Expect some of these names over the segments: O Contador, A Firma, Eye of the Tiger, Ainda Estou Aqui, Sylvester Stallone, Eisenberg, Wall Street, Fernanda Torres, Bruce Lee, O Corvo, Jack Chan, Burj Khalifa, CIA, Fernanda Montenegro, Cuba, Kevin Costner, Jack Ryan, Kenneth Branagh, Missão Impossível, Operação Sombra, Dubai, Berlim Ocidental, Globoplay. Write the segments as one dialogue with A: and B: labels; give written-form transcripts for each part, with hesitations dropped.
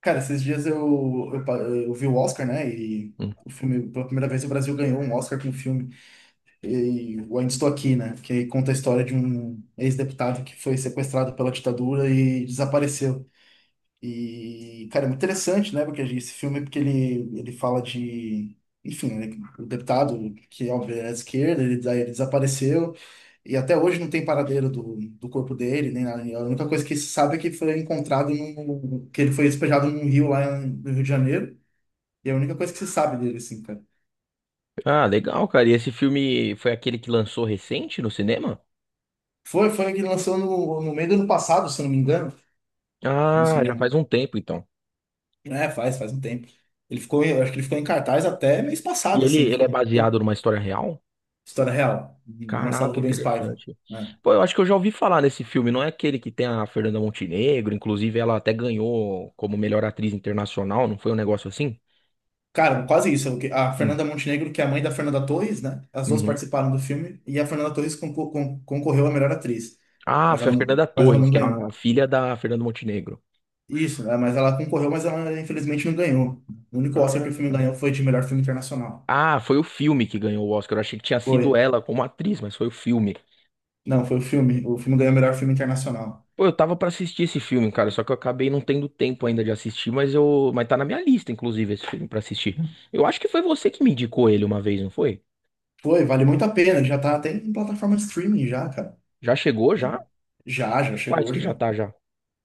A: Cara, esses dias eu vi o Oscar, né? E
B: Hum.
A: o filme, pela primeira vez, o Brasil ganhou um Oscar com o filme. E o Ainda Estou Aqui, né? Que conta a história de um ex-deputado que foi sequestrado pela ditadura e desapareceu. E, cara, é muito interessante, né? Porque esse filme, porque ele fala de. Enfim, né, o deputado, que óbvio é de esquerda, ele, daí ele desapareceu. E até hoje não tem paradeiro do corpo dele, nem nada. A única coisa que se sabe é que foi encontrado no, que ele foi despejado num rio lá no Rio de Janeiro. E é a única coisa que se sabe dele, assim, cara.
B: Ah, legal, cara. E esse filme foi aquele que lançou recente no cinema?
A: Foi que lançou no meio do ano passado, se eu não me engano, no
B: Ah, já
A: cinema.
B: faz um tempo então.
A: É, faz um tempo. Ele eu acho que ele ficou em cartaz até mês
B: E
A: passado,
B: ele,
A: assim, ele
B: ele é
A: ficou um tempo.
B: baseado numa história real?
A: História real, do Marcelo
B: Caraca,
A: Rubens Paiva.
B: interessante.
A: Né?
B: Pô, eu acho que eu já ouvi falar nesse filme. Não é aquele que tem a Fernanda Montenegro? Inclusive, ela até ganhou como melhor atriz internacional, não foi um negócio assim?
A: Cara, quase isso. A
B: Hum,
A: Fernanda Montenegro, que é a mãe da Fernanda Torres, né? As duas
B: uhum.
A: participaram do filme e a Fernanda Torres concorreu à melhor atriz,
B: Ah, foi a Fernanda
A: mas ela
B: Torres,
A: não
B: que é
A: ganhou.
B: a filha da Fernanda Montenegro.
A: Isso, né? Mas ela concorreu, mas ela infelizmente não ganhou. O único Oscar que o filme
B: Ah,
A: ganhou foi de melhor filme internacional.
B: Ah, foi o filme que ganhou o Oscar. Eu achei que tinha
A: Foi.
B: sido ela como atriz, mas foi o filme.
A: Não, foi o filme. O filme ganhou melhor filme internacional.
B: Pô, eu tava pra assistir esse filme, cara, só que eu acabei não tendo tempo ainda de assistir, mas tá na minha lista, inclusive, esse filme pra assistir. Eu acho que foi você que me indicou ele uma vez, não foi?
A: Foi, vale muito a pena. Já tá até em plataforma de streaming já, cara.
B: Já chegou,
A: Né?
B: já?
A: Já, já
B: E quais
A: chegou
B: que já
A: já.
B: tá já?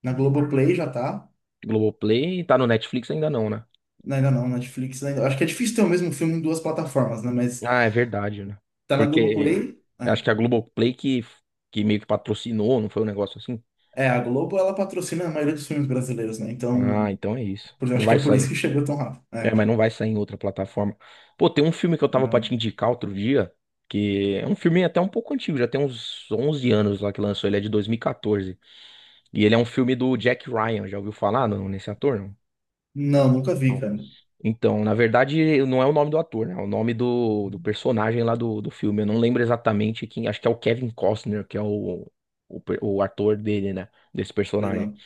A: Na Globoplay já tá.
B: Globoplay, tá no Netflix ainda não, né?
A: Não, ainda não, Netflix ainda. Acho que é difícil ter o mesmo filme em duas plataformas, né? Mas
B: Ah, é verdade, né?
A: tá na
B: Porque
A: Globoplay. É,
B: acho que a Globoplay que meio que patrocinou, não foi um negócio assim?
A: É, a Globo ela patrocina a maioria dos filmes brasileiros, né? Então,
B: Ah, então é isso.
A: eu
B: Não
A: acho que
B: vai
A: é por isso
B: sair.
A: que chegou tão rápido. É,
B: É, mas não vai sair em outra plataforma. Pô, tem um filme que eu tava pra
A: não.
B: te indicar outro dia, que é um filme até um pouco antigo, já tem uns 11 anos lá que lançou, ele é de 2014. E quatorze. E ele é um filme do Jack Ryan, já ouviu falar não, nesse ator? Não.
A: Não, nunca vi,
B: Não.
A: cara.
B: Então, na verdade, não é o nome do ator, né? É o nome do personagem lá do filme. Eu não lembro exatamente quem, acho que é o Kevin Costner, que é o ator dele, né? Desse personagem.
A: Legal.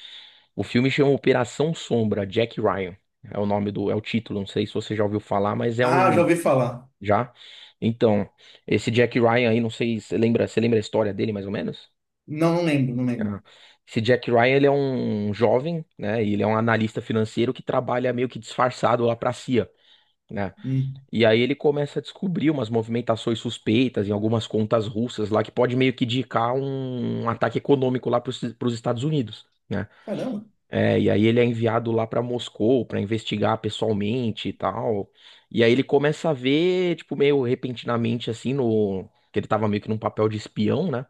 B: O filme chama Operação Sombra, Jack Ryan. É o título, não sei se você já ouviu falar, mas é
A: Ah, já
B: um.
A: ouvi falar.
B: Já? Então, esse Jack Ryan aí, não sei se você lembra, você lembra a história dele mais ou menos?
A: Não, não lembro, não lembro.
B: Ah, esse Jack Ryan, ele é um jovem, né? E ele é um analista financeiro que trabalha meio que disfarçado lá pra CIA, né?
A: Hum.
B: E aí ele começa a descobrir umas movimentações suspeitas em algumas contas russas lá que pode meio que indicar um ataque econômico lá para os Estados Unidos, né?
A: Caramba.
B: É, e aí ele é enviado lá pra Moscou pra investigar pessoalmente e tal. E aí ele começa a ver, tipo, meio repentinamente assim no que ele tava meio que num papel de espião, né?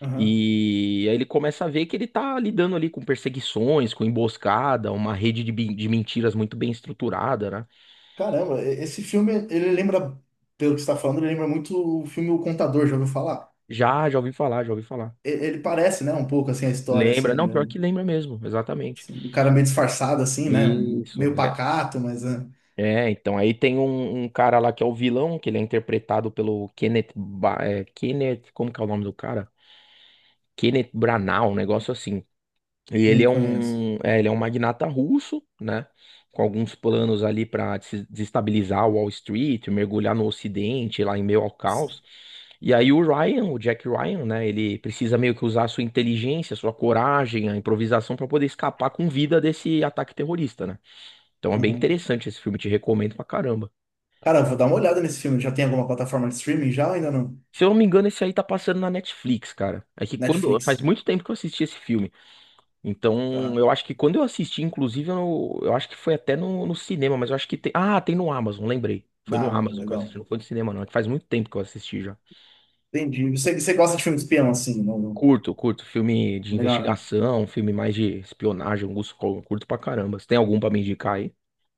A: Aham.
B: E aí ele começa a ver que ele tá lidando ali com perseguições, com emboscada, uma rede de mentiras muito bem estruturada, né?
A: Caramba, esse filme, ele lembra, pelo que você tá falando, ele lembra muito o filme O Contador, já ouviu falar?
B: Já, já ouvi falar, já ouvi falar.
A: Ele parece, né, um pouco assim a história,
B: Lembra? Não,
A: assim,
B: pior que lembra mesmo, exatamente.
A: assim, o cara meio disfarçado, assim, né?
B: Isso.
A: Meio
B: É.
A: pacato, mas é,
B: É, então aí tem um cara lá que é o vilão, que ele é interpretado pelo Kenneth, como que é o nome do cara? Kenneth Branagh, um negócio assim. E
A: não conheço.
B: ele é um magnata russo, né? Com alguns planos ali para desestabilizar o Wall Street, mergulhar no Ocidente, lá em meio ao caos. E aí o Ryan, o Jack Ryan, né? Ele precisa meio que usar a sua inteligência, a sua coragem, a improvisação para poder escapar com vida desse ataque terrorista, né? Então é bem
A: Aham.
B: interessante esse filme, te recomendo pra caramba.
A: Cara, eu vou dar uma olhada nesse filme. Já tem alguma plataforma de streaming já ou ainda não?
B: Se eu não me engano, esse aí tá passando na Netflix, cara. É que quando. Faz
A: Netflix,
B: muito tempo que eu assisti esse filme. Então,
A: tá?
B: eu acho que quando eu assisti, inclusive, eu acho que foi até no cinema, mas eu acho que tem. Ah, tem no Amazon, lembrei. Foi
A: Na
B: no
A: Amazon,
B: Amazon que eu
A: legal.
B: assisti, não foi no cinema, não. É que faz muito tempo que eu assisti já.
A: Entendi. Você gosta de filme de espião, assim, não, não-
B: Curto, curto. Filme de
A: legal, né?
B: investigação, filme mais de espionagem, Augusto Cury, curto pra caramba. Você tem algum pra me indicar aí?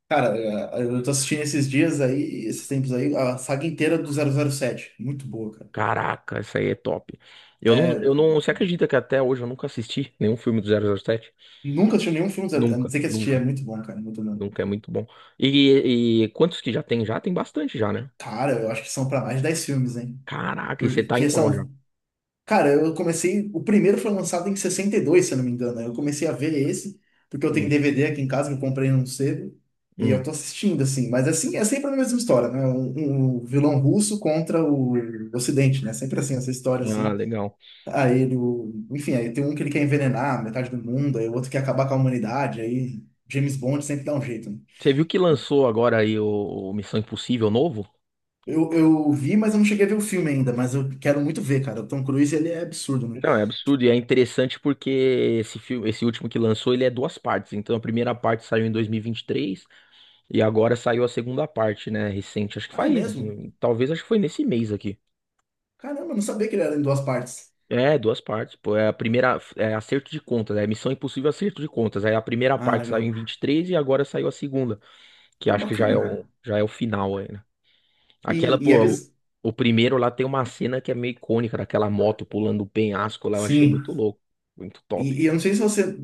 A: Cara, eu tô assistindo esses dias aí, esses tempos aí, a saga inteira do zero zero sete. Muito boa, cara.
B: Caraca, essa aí é top. Eu não,
A: É,
B: eu não. Você acredita que até hoje eu nunca assisti nenhum filme do 007?
A: nunca assisti nenhum filme, zero- a não
B: Nunca,
A: ser que assisti, é
B: nunca.
A: muito bom.
B: Nunca é muito bom. E quantos que já tem? Já tem bastante já, né?
A: Cara, eu acho que são pra mais de 10 filmes, hein?
B: Caraca, e você tá em
A: Porque
B: qual já?
A: são cara, eu comecei. O primeiro foi lançado em 62, se eu não me engano. Eu comecei a ver esse, porque eu tenho
B: Hum,
A: DVD aqui em casa que eu comprei num cedo. E eu
B: hum.
A: tô assistindo, assim. Mas assim, é sempre a mesma história, né? Um vilão russo contra o Ocidente, né? Sempre assim, essa história,
B: Ah,
A: assim.
B: legal.
A: Aí ele. Enfim, aí tem um que ele quer envenenar metade do mundo, aí o outro quer acabar com a humanidade. Aí James Bond sempre dá um jeito, né?
B: Você viu que lançou agora aí o Missão Impossível novo?
A: Eu vi, mas eu não cheguei a ver o filme ainda, mas eu quero muito ver, cara. O Tom Cruise, ele é absurdo, né?
B: Não, é absurdo e é interessante porque esse filme, esse último que lançou, ele é duas partes. Então a primeira parte saiu em dois mil e vinte e três e agora saiu a segunda parte, né, recente. Acho que
A: Ah, é
B: faz,
A: mesmo?
B: talvez acho que foi nesse mês aqui.
A: Caramba, eu não sabia que ele era em duas partes.
B: É, duas partes, pô. É a primeira, é acerto de contas, é Missão Impossível acerto de contas. Aí a primeira
A: Ah,
B: parte saiu
A: legal.
B: em 23 e agora saiu a segunda. Que
A: Pô,
B: acho que
A: bacana, cara.
B: já é o final aí, né? Aquela,
A: E, e é
B: pô, o,
A: biz...
B: o primeiro lá tem uma cena que é meio icônica, daquela moto pulando o penhasco lá, eu achei
A: Sim.
B: muito louco, muito top.
A: E eu não sei se você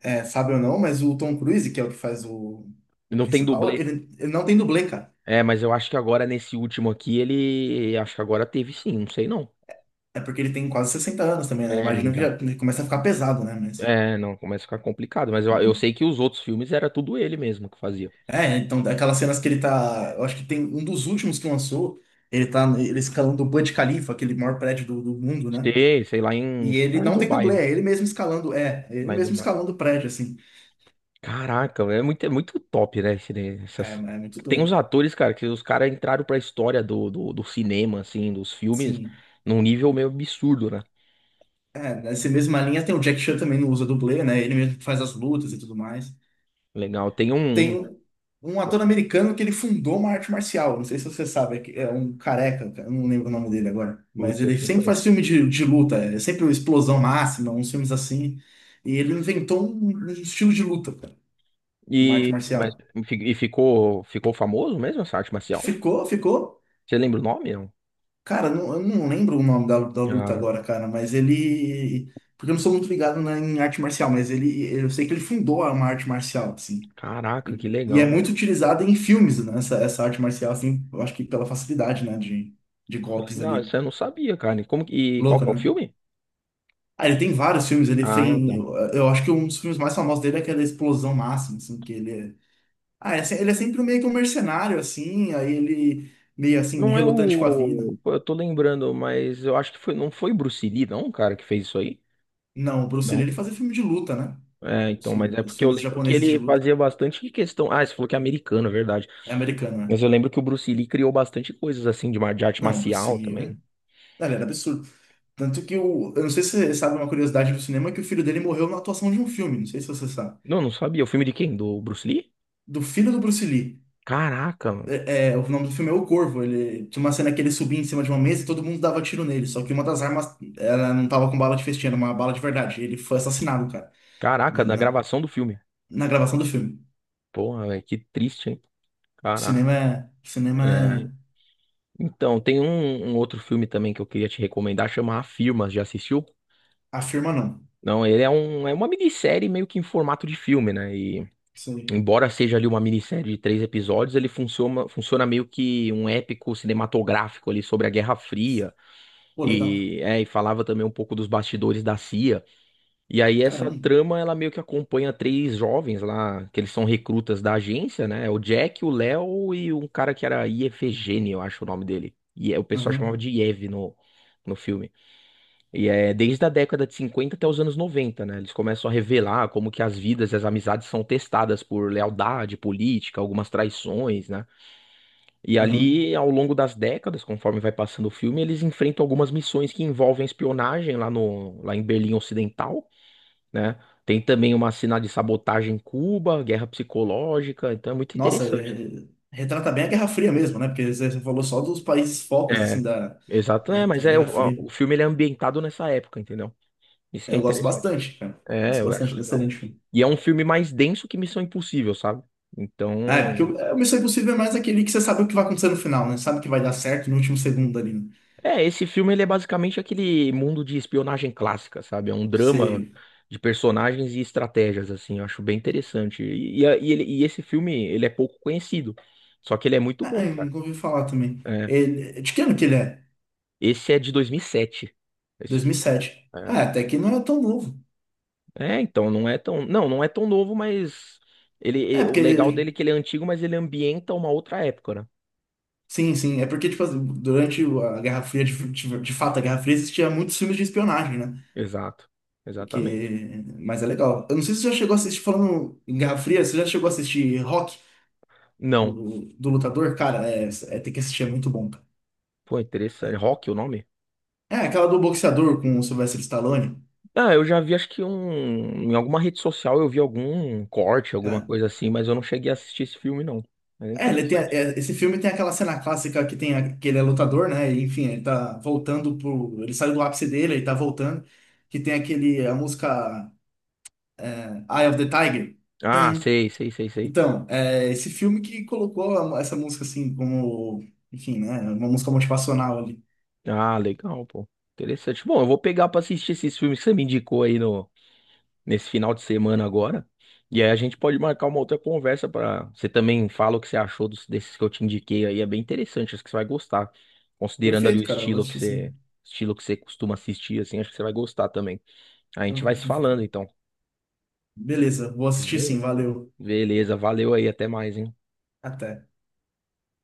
A: é, sabe ou não, mas o Tom Cruise, que é o que faz o
B: Não tem
A: principal,
B: dublê.
A: ele não tem dublê, cara.
B: É, mas eu acho que agora nesse último aqui acho que agora teve sim, não sei não.
A: É porque ele tem quase 60 anos também, né?
B: É, ele
A: Imagino que já
B: já.
A: ele começa a ficar pesado, né? Mas.
B: É, não, começa a ficar complicado, mas eu
A: Uhum.
B: sei que os outros filmes era tudo ele mesmo que fazia.
A: É, então aquelas cenas que ele tá. Eu acho que tem um dos últimos que lançou. Ele tá ele escalando o Burj Khalifa, aquele maior prédio do mundo, né?
B: Sei, sei
A: E
B: que fica
A: ele
B: lá em
A: não tem
B: Dubai,
A: dublê,
B: né?
A: é ele mesmo escalando. É, é ele
B: Lá em
A: mesmo
B: Dubai.
A: escalando o prédio, assim.
B: Caraca, é muito top, né?
A: É, é
B: Essas...
A: muito
B: Tem uns
A: doido.
B: atores, cara, que os caras entraram pra história do cinema, assim, dos filmes,
A: Sim.
B: num nível meio absurdo, né?
A: É, nessa mesma linha tem o Jack Chan também não usa dublê, né? Ele mesmo que faz as lutas e tudo mais.
B: Legal.
A: Tem um ator americano que ele fundou uma arte marcial. Não sei se você sabe, é um careca, cara, eu não lembro o nome dele agora. Mas
B: Putz, esse
A: ele
B: eu não
A: sempre
B: conheço.
A: faz filme de luta, é sempre uma explosão máxima, uns filmes assim. E ele inventou um estilo de luta, cara, uma arte
B: E, mas,
A: marcial.
B: e ficou famoso mesmo essa arte marcial?
A: Ficou, ficou.
B: Você lembra o nome? Não?
A: Cara, não- Eu não lembro o nome da luta
B: Ah,
A: agora, cara, mas ele. Porque eu não sou muito ligado em arte marcial, mas ele, eu sei que ele fundou uma arte marcial, assim.
B: caraca, que
A: E é
B: legal, né?
A: muito utilizada em filmes, né? Essa arte marcial, assim, eu acho que pela facilidade, né? De
B: Pô,
A: golpes
B: legal,
A: ali.
B: isso eu não sabia, cara. E qual
A: Louco,
B: que é o
A: né?
B: filme?
A: Ah, ele tem vários filmes, ele
B: Ah, tá.
A: tem. Eu acho que um dos filmes mais famosos dele é aquela Explosão Máxima, assim, que ele é. Ele é sempre meio que um mercenário, assim, aí ele meio assim,
B: Não é
A: relutante com a vida.
B: o. Pô, eu tô lembrando, mas eu acho que foi, não foi Bruce Lee, não, cara, que fez isso aí?
A: Não, o Bruce Lee, ele fazia filme de luta, né?
B: É, então, mas é
A: Os
B: porque eu
A: filmes
B: lembro que
A: japoneses de
B: ele
A: luta.
B: fazia bastante questão. Ah, você falou que é americano, é verdade.
A: É americano, né?
B: Mas eu lembro que o Bruce Lee criou bastante coisas assim de arte
A: Não, o Bruce
B: marcial
A: Lee, né?
B: também.
A: Ele era absurdo. Tanto que o. Eu não sei se você sabe uma curiosidade do cinema, que o filho dele morreu na atuação de um filme. Não sei se você sabe.
B: Não, não sabia. O filme de quem? Do Bruce Lee?
A: Do filho do Bruce Lee.
B: Caraca, mano.
A: É, é, o nome do filme é O Corvo. Ele tinha uma cena que ele subia em cima de uma mesa e todo mundo dava tiro nele. Só que uma das armas, ela não tava com bala de festim, era uma bala de verdade. Ele foi assassinado, cara. Na,
B: Caraca, na
A: na-
B: gravação do filme.
A: Na gravação do filme.
B: Porra, velho, que triste, hein? Caraca.
A: Cinema é. Cinema
B: É.
A: é.
B: Então, tem um outro filme também que eu queria te recomendar, chama A Firma. Já assistiu?
A: Afirma não.
B: Não, ele é é uma minissérie meio que em formato de filme, né?
A: Isso aí.
B: Embora seja ali uma minissérie de três episódios, ele funciona, funciona meio que um épico cinematográfico ali sobre a Guerra Fria
A: Pô, legal.
B: e, é, e falava também um pouco dos bastidores da CIA. E aí essa
A: Caramba.
B: trama ela meio que acompanha três jovens lá, que eles são recrutas da agência, né? O Jack, o Léo e um cara que era Iefegênio, eu acho o nome dele. O pessoal chamava
A: Aham.
B: de Iev no filme. E é desde a década de 50 até os anos 90, né? Eles começam a revelar como que as vidas e as amizades são testadas por lealdade política, algumas traições, né? E
A: Aham.
B: ali, ao longo das décadas, conforme vai passando o filme, eles enfrentam algumas missões que envolvem espionagem lá no, lá em Berlim Ocidental, né? Tem também uma cena de sabotagem em Cuba, guerra psicológica, então é muito
A: Nossa,
B: interessante.
A: retrata bem a Guerra Fria mesmo, né? Porque você falou só dos países focos,
B: É,
A: assim, da,
B: exato,
A: né,
B: é, mas
A: entre a
B: é o,
A: Guerra Fria.
B: o filme ele é ambientado nessa época, entendeu? Isso que é
A: Eu gosto
B: interessante.
A: bastante, cara.
B: É,
A: Gosto
B: eu acho
A: bastante dessa linha
B: legal.
A: de filme.
B: E é um filme mais denso que Missão Impossível, sabe?
A: Ah, é, porque
B: Então,
A: o Missão Impossível é mais aquele que você sabe o que vai acontecer no final, né? Sabe que vai dar certo no último segundo ali, né?
B: esse filme ele é basicamente aquele mundo de espionagem clássica, sabe? É um drama
A: Você...
B: de personagens e estratégias, assim, eu acho bem interessante. E esse filme, ele é pouco conhecido, só que ele é muito
A: Ah, ah,
B: bom,
A: eu
B: cara.
A: nunca ouvi falar também.
B: É.
A: Ele... De que ano que ele é?
B: Esse é de 2007, esse filme.
A: 2007.
B: É.
A: Ah, até que não é tão novo.
B: É, então, não, não é tão novo, mas
A: É,
B: o
A: porque...
B: legal dele é que ele é antigo, mas ele ambienta uma outra época, né?
A: Sim, sim. É porque, tipo, assim, durante a Guerra Fria, de fato, a Guerra Fria existia muitos filmes de espionagem, né?
B: Exato, exatamente.
A: Que... Mas é legal. Eu não sei se você já chegou a assistir, falando em Guerra Fria, você já chegou a assistir Rock,
B: Não.
A: do lutador? Cara, tem que assistir, é muito bom, cara.
B: Pô, interessante.
A: É,
B: Rock, o nome?
A: É, aquela do boxeador com o Sylvester Stallone,
B: Ah, eu já vi, acho que um. Em alguma rede social eu vi algum corte, alguma
A: cara.
B: coisa assim, mas eu não cheguei a assistir esse filme, não. Mas é
A: É,
B: interessante.
A: esse filme tem aquela cena clássica que tem que ele é lutador, né? E, enfim, ele tá voltando pro. Ele saiu do ápice dele, ele tá voltando. Que tem aquele, a música Eye of the Tiger.
B: Ah, sei, sei, sei, sei.
A: Então, é esse filme que colocou essa música assim como, enfim, né, uma música motivacional ali.
B: Ah, legal, pô. Interessante. Bom, eu vou pegar pra assistir esses filmes que você me indicou aí no, nesse final de semana agora. E aí a gente pode marcar uma outra conversa pra. Você também fala o que você achou desses que eu te indiquei aí. É bem interessante, acho que você vai gostar. Considerando ali
A: Perfeito,
B: o
A: cara, eu vou
B: estilo que
A: assistir sim.
B: você, estilo que você costuma assistir, assim, acho que você vai gostar também. A
A: Eu-
B: gente vai se falando então,
A: Beleza, vou assistir sim,
B: beleza?
A: valeu.
B: Beleza, valeu aí, até mais, hein?
A: Até.